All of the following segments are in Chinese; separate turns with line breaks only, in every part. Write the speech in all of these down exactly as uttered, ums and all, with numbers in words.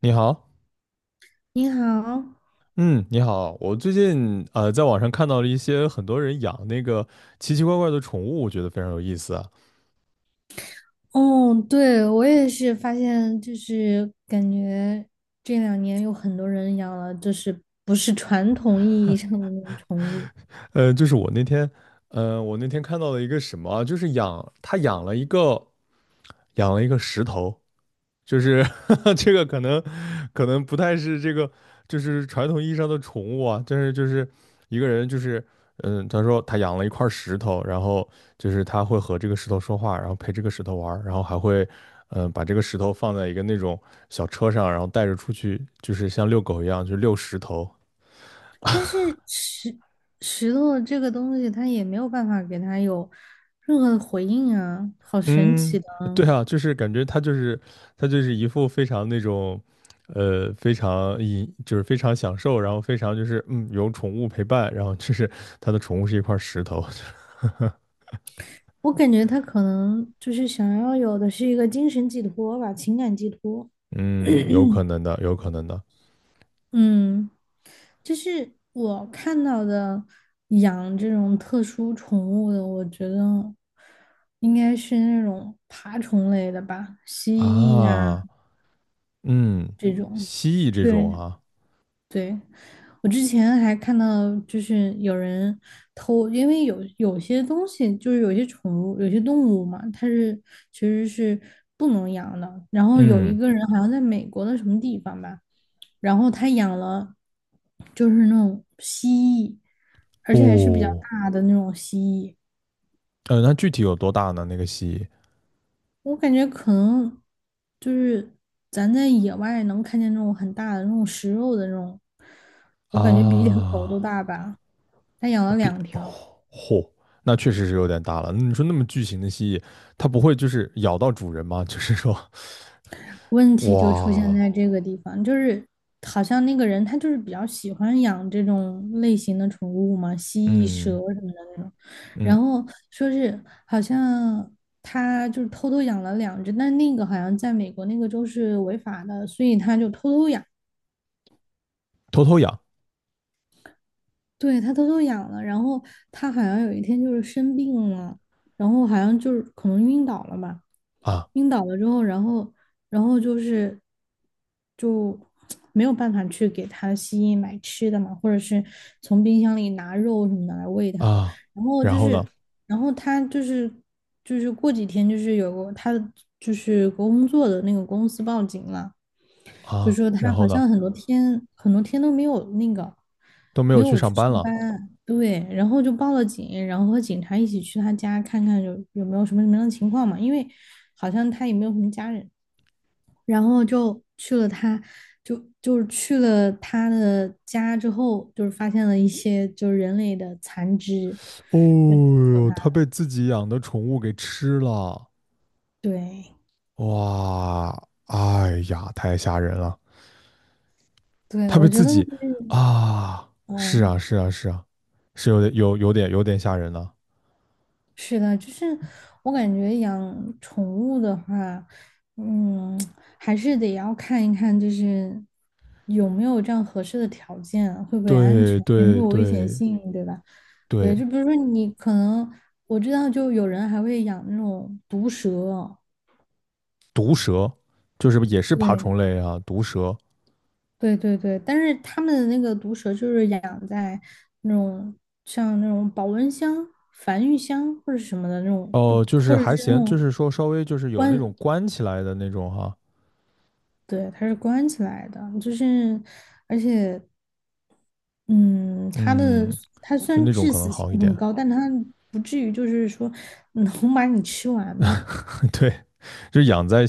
你好，
你好。
嗯，你好，我最近呃在网上看到了一些很多人养那个奇奇怪怪的宠物，我觉得非常有意思啊。
哦，对，我也是发现，就是感觉这两年有很多人养了，就是不是传统意义上的那种宠物。
呃，就是我那天，呃，我那天看到了一个什么啊，就是养他养了一个养了一个石头，就是 这个可能可能不太是这个，就是传统意义上的宠物啊，但是就是一个人就是，嗯，他说他养了一块石头，然后就是他会和这个石头说话，然后陪这个石头玩儿，然后还会，嗯，把这个石头放在一个那种小车上，然后带着出去，就是像遛狗一样，就遛石头。
但是石石头这个东西，它也没有办法给它有任何的回应啊，好神
嗯，
奇的啊。
对啊，就是感觉他就是他就是一副非常那种，呃，非常一就是非常享受，然后非常就是嗯有宠物陪伴，然后就是他的宠物是一块石头。
我感觉它可能就是想要有的是一个精神寄托吧，情感寄托。
嗯，有可能的，有可能的
嗯，就是我看到的养这种特殊宠物的，我觉得应该是那种爬虫类的吧，蜥蜴呀、
啊。嗯。
这种。
蜥蜴这种
对，
啊。
对，我之前还看到，就是有人偷，因为有有些东西，就是有些宠物、有些动物嘛，它是其实是不能养的。然后有一
嗯。
个人好像在美国的什么地方吧，然后他养了就是那种蜥蜴，而且还是比较
哦，
大的那种蜥蜴。
呃，那具体有多大呢？那个蜥
我感觉可能就是咱在野外能看见那种很大的那种食肉的那种，
蜴
我感觉比一条狗都
啊？
大吧。他养
我
了
变
两
哦。
条，
嚯，那确实是有点大了。那你说那么巨型的蜥蜴，它不会就是咬到主人吗？就是说，
问题就出现
哇。
在这个地方，就是好像那个人他就是比较喜欢养这种类型的宠物嘛，蜥蜴、蛇
嗯
什么的那种。
嗯，
然后说是好像他就是偷偷养了两只，但那个好像在美国那个州是违法的，所以他就偷偷养。
偷偷养
对，他偷偷养了，然后他好像有一天就是生病了，然后好像就是可能晕倒了吧。
啊。
晕倒了之后，然后然后就是就 没有办法去给它吸引买吃的嘛，或者是从冰箱里拿肉什么的来喂它。
啊，
然后
然
就
后
是
呢？
然后他就是就是过几天就是有个他的就是工作的那个公司报警了，就
啊，
说
然
他
后
好
呢，
像很多天很多天都没有那个
都没
没
有去
有去
上班
上
了。
班。对，然后就报了警，然后和警察一起去他家看看有有没有什么什么样的情况嘛，因为好像他也没有什么家人，然后就去了他。就就是去了他的家之后，就是发现了一些就是人类的残肢。
哦
对，挺可
哟，它
怕。
被自己养的宠物给吃了。
对
哇，哎呀，太吓人了。
对，
它被
我觉
自
得就
己
是，
啊，是
嗯，
啊是啊是啊，是有点有有点有点吓人了。
是的，就是我感觉养宠物的话，嗯，还是得要看一看，就是有没有这样合适的条件啊，会不会安
对
全，有没
对
有危险
对
性，对吧？
对。
对，就比如说你可能我知道，就有人还会养那种毒蛇哦。
毒蛇，就是也是爬
对，
虫类啊，毒蛇。
对对对，但是他们的那个毒蛇就是养在那种像那种保温箱、繁育箱或者什么的那种，就
哦，就是
或者是
还
那
行，就
种
是说稍微就是有那
关
种关起来的那种哈。
对，它是关起来的，就是，而且，嗯，它的
嗯，
它虽
就
然
那种
致
可能
死性
好一
很
点。
高，但它不至于就是说能把你吃完吧。
对，就是养在，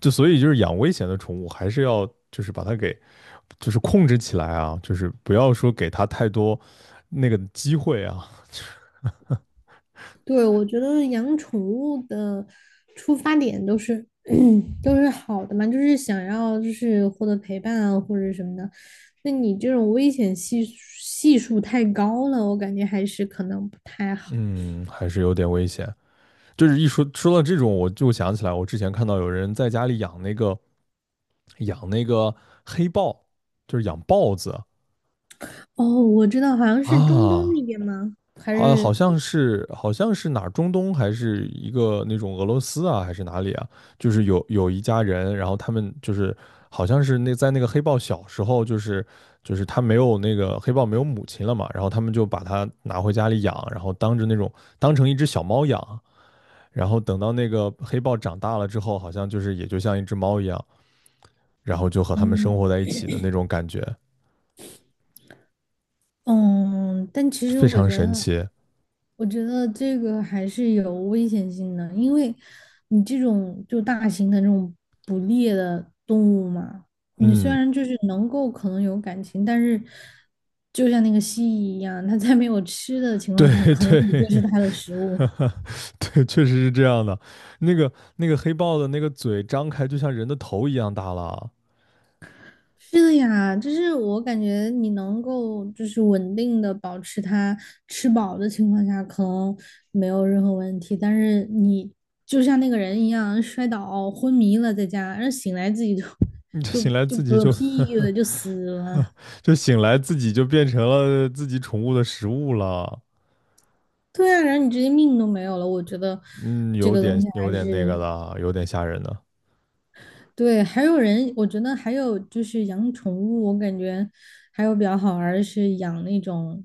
就所以就是养危险的宠物，还是要就是把它给就是控制起来啊，就是不要说给它太多那个机会啊。
对，我觉得养宠物的出发点都是 都是好的嘛，就是想要就是获得陪伴啊或者什么的。那你这种危险系数系数太高了，我感觉还是可能不太好。
嗯，还是有点危险。就是一说说到这种，我就想起来，我之前看到有人在家里养那个养那个黑豹，就是养豹子。
哦，我知道，好像是中东
啊，
那边吗？还
好，好
是？
像是，好像是哪儿中东，还是一个那种俄罗斯啊，还是哪里啊？就是有有一家人，然后他们就是好像是那在那个黑豹小时候，就是就是他没有，那个黑豹没有母亲了嘛，然后他们就把它拿回家里养，然后当着那种当成一只小猫养，然后等到那个黑豹长大了之后，好像就是也就像一只猫一样，然后就和他们
嗯？
生活在一起的那种感觉，
嗯，但其实
非
我
常
觉
神
得，
奇。
我觉得这个还是有危险性的，因为你这种就大型的这种捕猎的动物嘛，你虽
嗯，
然就是能够可能有感情，但是就像那个蜥蜴一样，它在没有吃的情
对
况下，可能
对。
你就是 它的食物。
对，确实是这样的。那个那个黑豹的那个嘴张开，就像人的头一样大了啊。
是的呀，就是我感觉你能够就是稳定的保持它吃饱的情况下，可能没有任何问题。但是你就像那个人一样摔倒昏迷了，在家，然后醒来自己就
你这醒
就
来
就
自己
嗝
就，
屁了，就死了。
就醒来自己就变成了自己宠物的食物了。
对啊，然后你直接命都没有了。我觉得
嗯，
这
有
个东
点
西
有
还
点那个
是。
了，有点吓人的。
对。还有人，我觉得还有就是养宠物，我感觉还有比较好玩儿的是养那种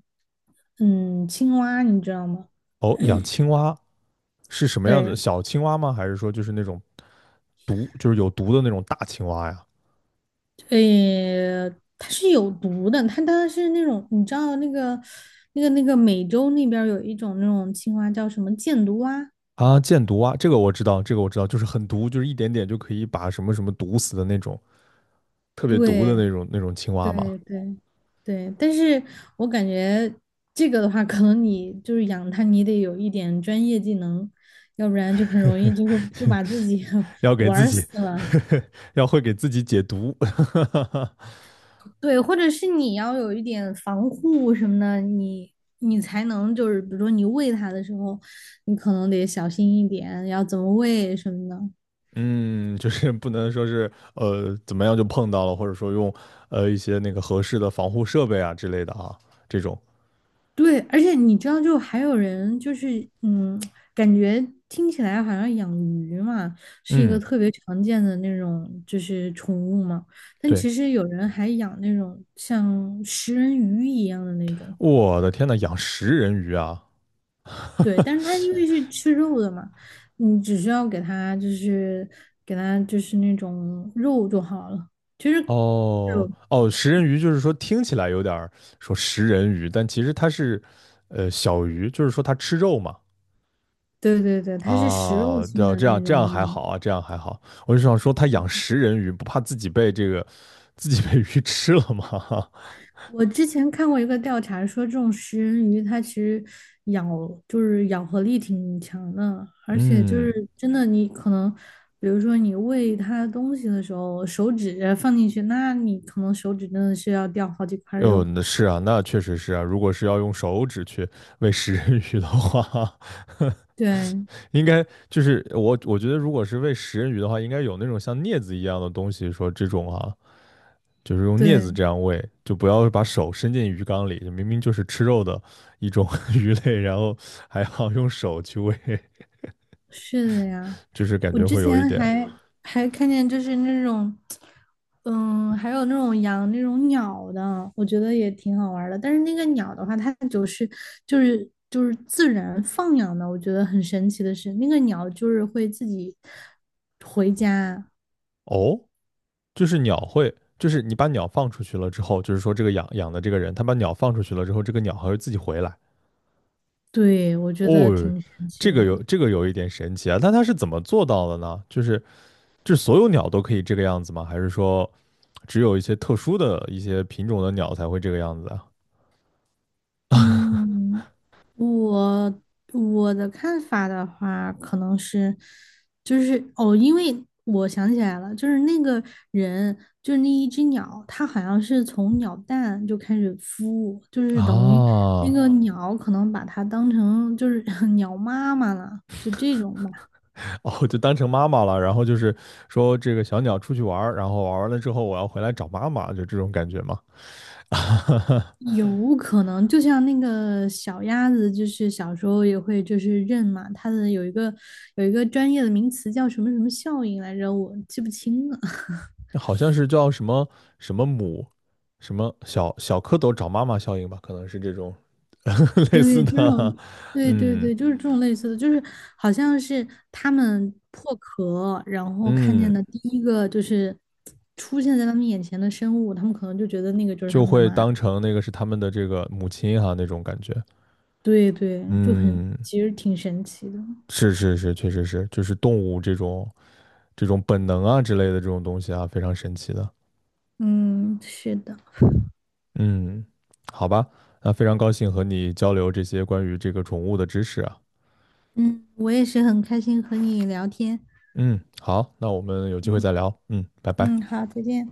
嗯青蛙，你知道吗？
哦，养青蛙是什么样
对，
子？小青蛙吗？还是说就是那种毒，就是有毒的那种大青蛙呀？
呃，它是有毒的，它它是那种，你知道那个那个那个美洲那边儿有一种那种青蛙叫什么箭毒蛙。
啊，箭毒蛙，这个我知道，这个我知道，就是很毒，就是一点点就可以把什么什么毒死的那种，特别毒的
对
那种那种青蛙嘛。
对对对，但是我感觉这个的话，可能你就是养它，你得有一点专业技能，要不然就很容易就会就把自己
要 给
玩
自
儿
己
死
呵
了。
呵 要会给自己解毒。
对，或者是你要有一点防护什么的，你你才能就是，比如说你喂它的时候，你可能得小心一点，要怎么喂什么的。
嗯，就是不能说是呃怎么样就碰到了，或者说用呃一些那个合适的防护设备啊之类的啊，这种。
对，而且你知道，就还有人就是，嗯，感觉听起来好像养鱼嘛，是一个
嗯，
特别常见的那种就是宠物嘛，但
对，
其实有人还养那种像食人鱼一样的那种。
我的天呐，养食人鱼啊！
对，但是它因为是吃肉的嘛，你只需要给它就是给它就是那种肉就好了。其实
哦
肉，
哦，食人鱼就是说听起来有点儿，说食人鱼，但其实它是呃小鱼，就是说它吃肉嘛。
对对对，它是食肉
啊，
性
对，
的
这样
那
这
种
样还
鱼。
好啊，这样还好。我就想说，他养食人鱼不怕自己被这个自己被鱼吃了吗？
我之前看过一个调查说，这种食人鱼它其实咬就是咬合力挺强的，而且就
嗯，
是真的你可能，比如说你喂它东西的时候，手指放进去，那你可能手指真的是要掉好几块
哦，
肉。
那是啊，那确实是啊。如果是要用手指去喂食人鱼的话，
对
应该就是我我觉得，如果是喂食人鱼的话，应该有那种像镊子一样的东西，说这种啊，就是用镊子
对，
这样喂，就不要把手伸进鱼缸里，明明就是吃肉的一种 鱼类，然后还要用手去喂。
是的呀。
就是感
我
觉
之
会有一
前
点。
还还看见就是那种，嗯，还有那种养那种鸟的，我觉得也挺好玩儿的。但是那个鸟的话，它就是就是就是自然放养的，我觉得很神奇的是，那个鸟就是会自己回家。
哦，就是鸟会，就是你把鸟放出去了之后，就是说这个养养的这个人，他把鸟放出去了之后，这个鸟还会自己回来。
对，我觉得
哦，
挺神奇
这个有
的。
这个有一点神奇啊，但他是怎么做到的呢？就是就是所有鸟都可以这个样子吗？还是说只有一些特殊的一些品种的鸟才会这个样子啊？
嗯，我我的看法的话，可能是，就是哦，因为我想起来了，就是那个人，就是那一只鸟，它好像是从鸟蛋就开始孵，就是等于那
啊，
个啊鸟可能把它当成就是 鸟妈妈了，就这种。
哦，就当成妈妈了，然后就是说这个小鸟出去玩儿，然后玩完了之后我要回来找妈妈，就这种感觉吗？
有可能，就像那个小鸭子，就是小时候也会就是认嘛，它的有一个有一个专业的名词叫什么什么效应来着，我记不清了。
好像是叫什么，什么母，什么小小蝌蚪找妈妈效应吧，可能是这种 类似
对，就这
的。
种，对对
嗯
对，就是这种类似的，就是好像是它们破壳，然后看见
嗯，
的第一个就是出现在他们眼前的生物，他们可能就觉得那个就是他
就
们的
会
妈。
当成那个是他们的这个母亲哈、那种感觉。
对对，就很，
嗯，
其实挺神奇的。
是是是，确实是，就是动物这种这种本能啊之类的这种东西啊，非常神奇的。
嗯，是的，
嗯，好吧，那非常高兴和你交流这些关于这个宠物的知识啊。
嗯，我也是很开心和你聊天。
嗯，好，那我们有机会
嗯。
再聊。嗯，拜拜。
嗯，好，再见。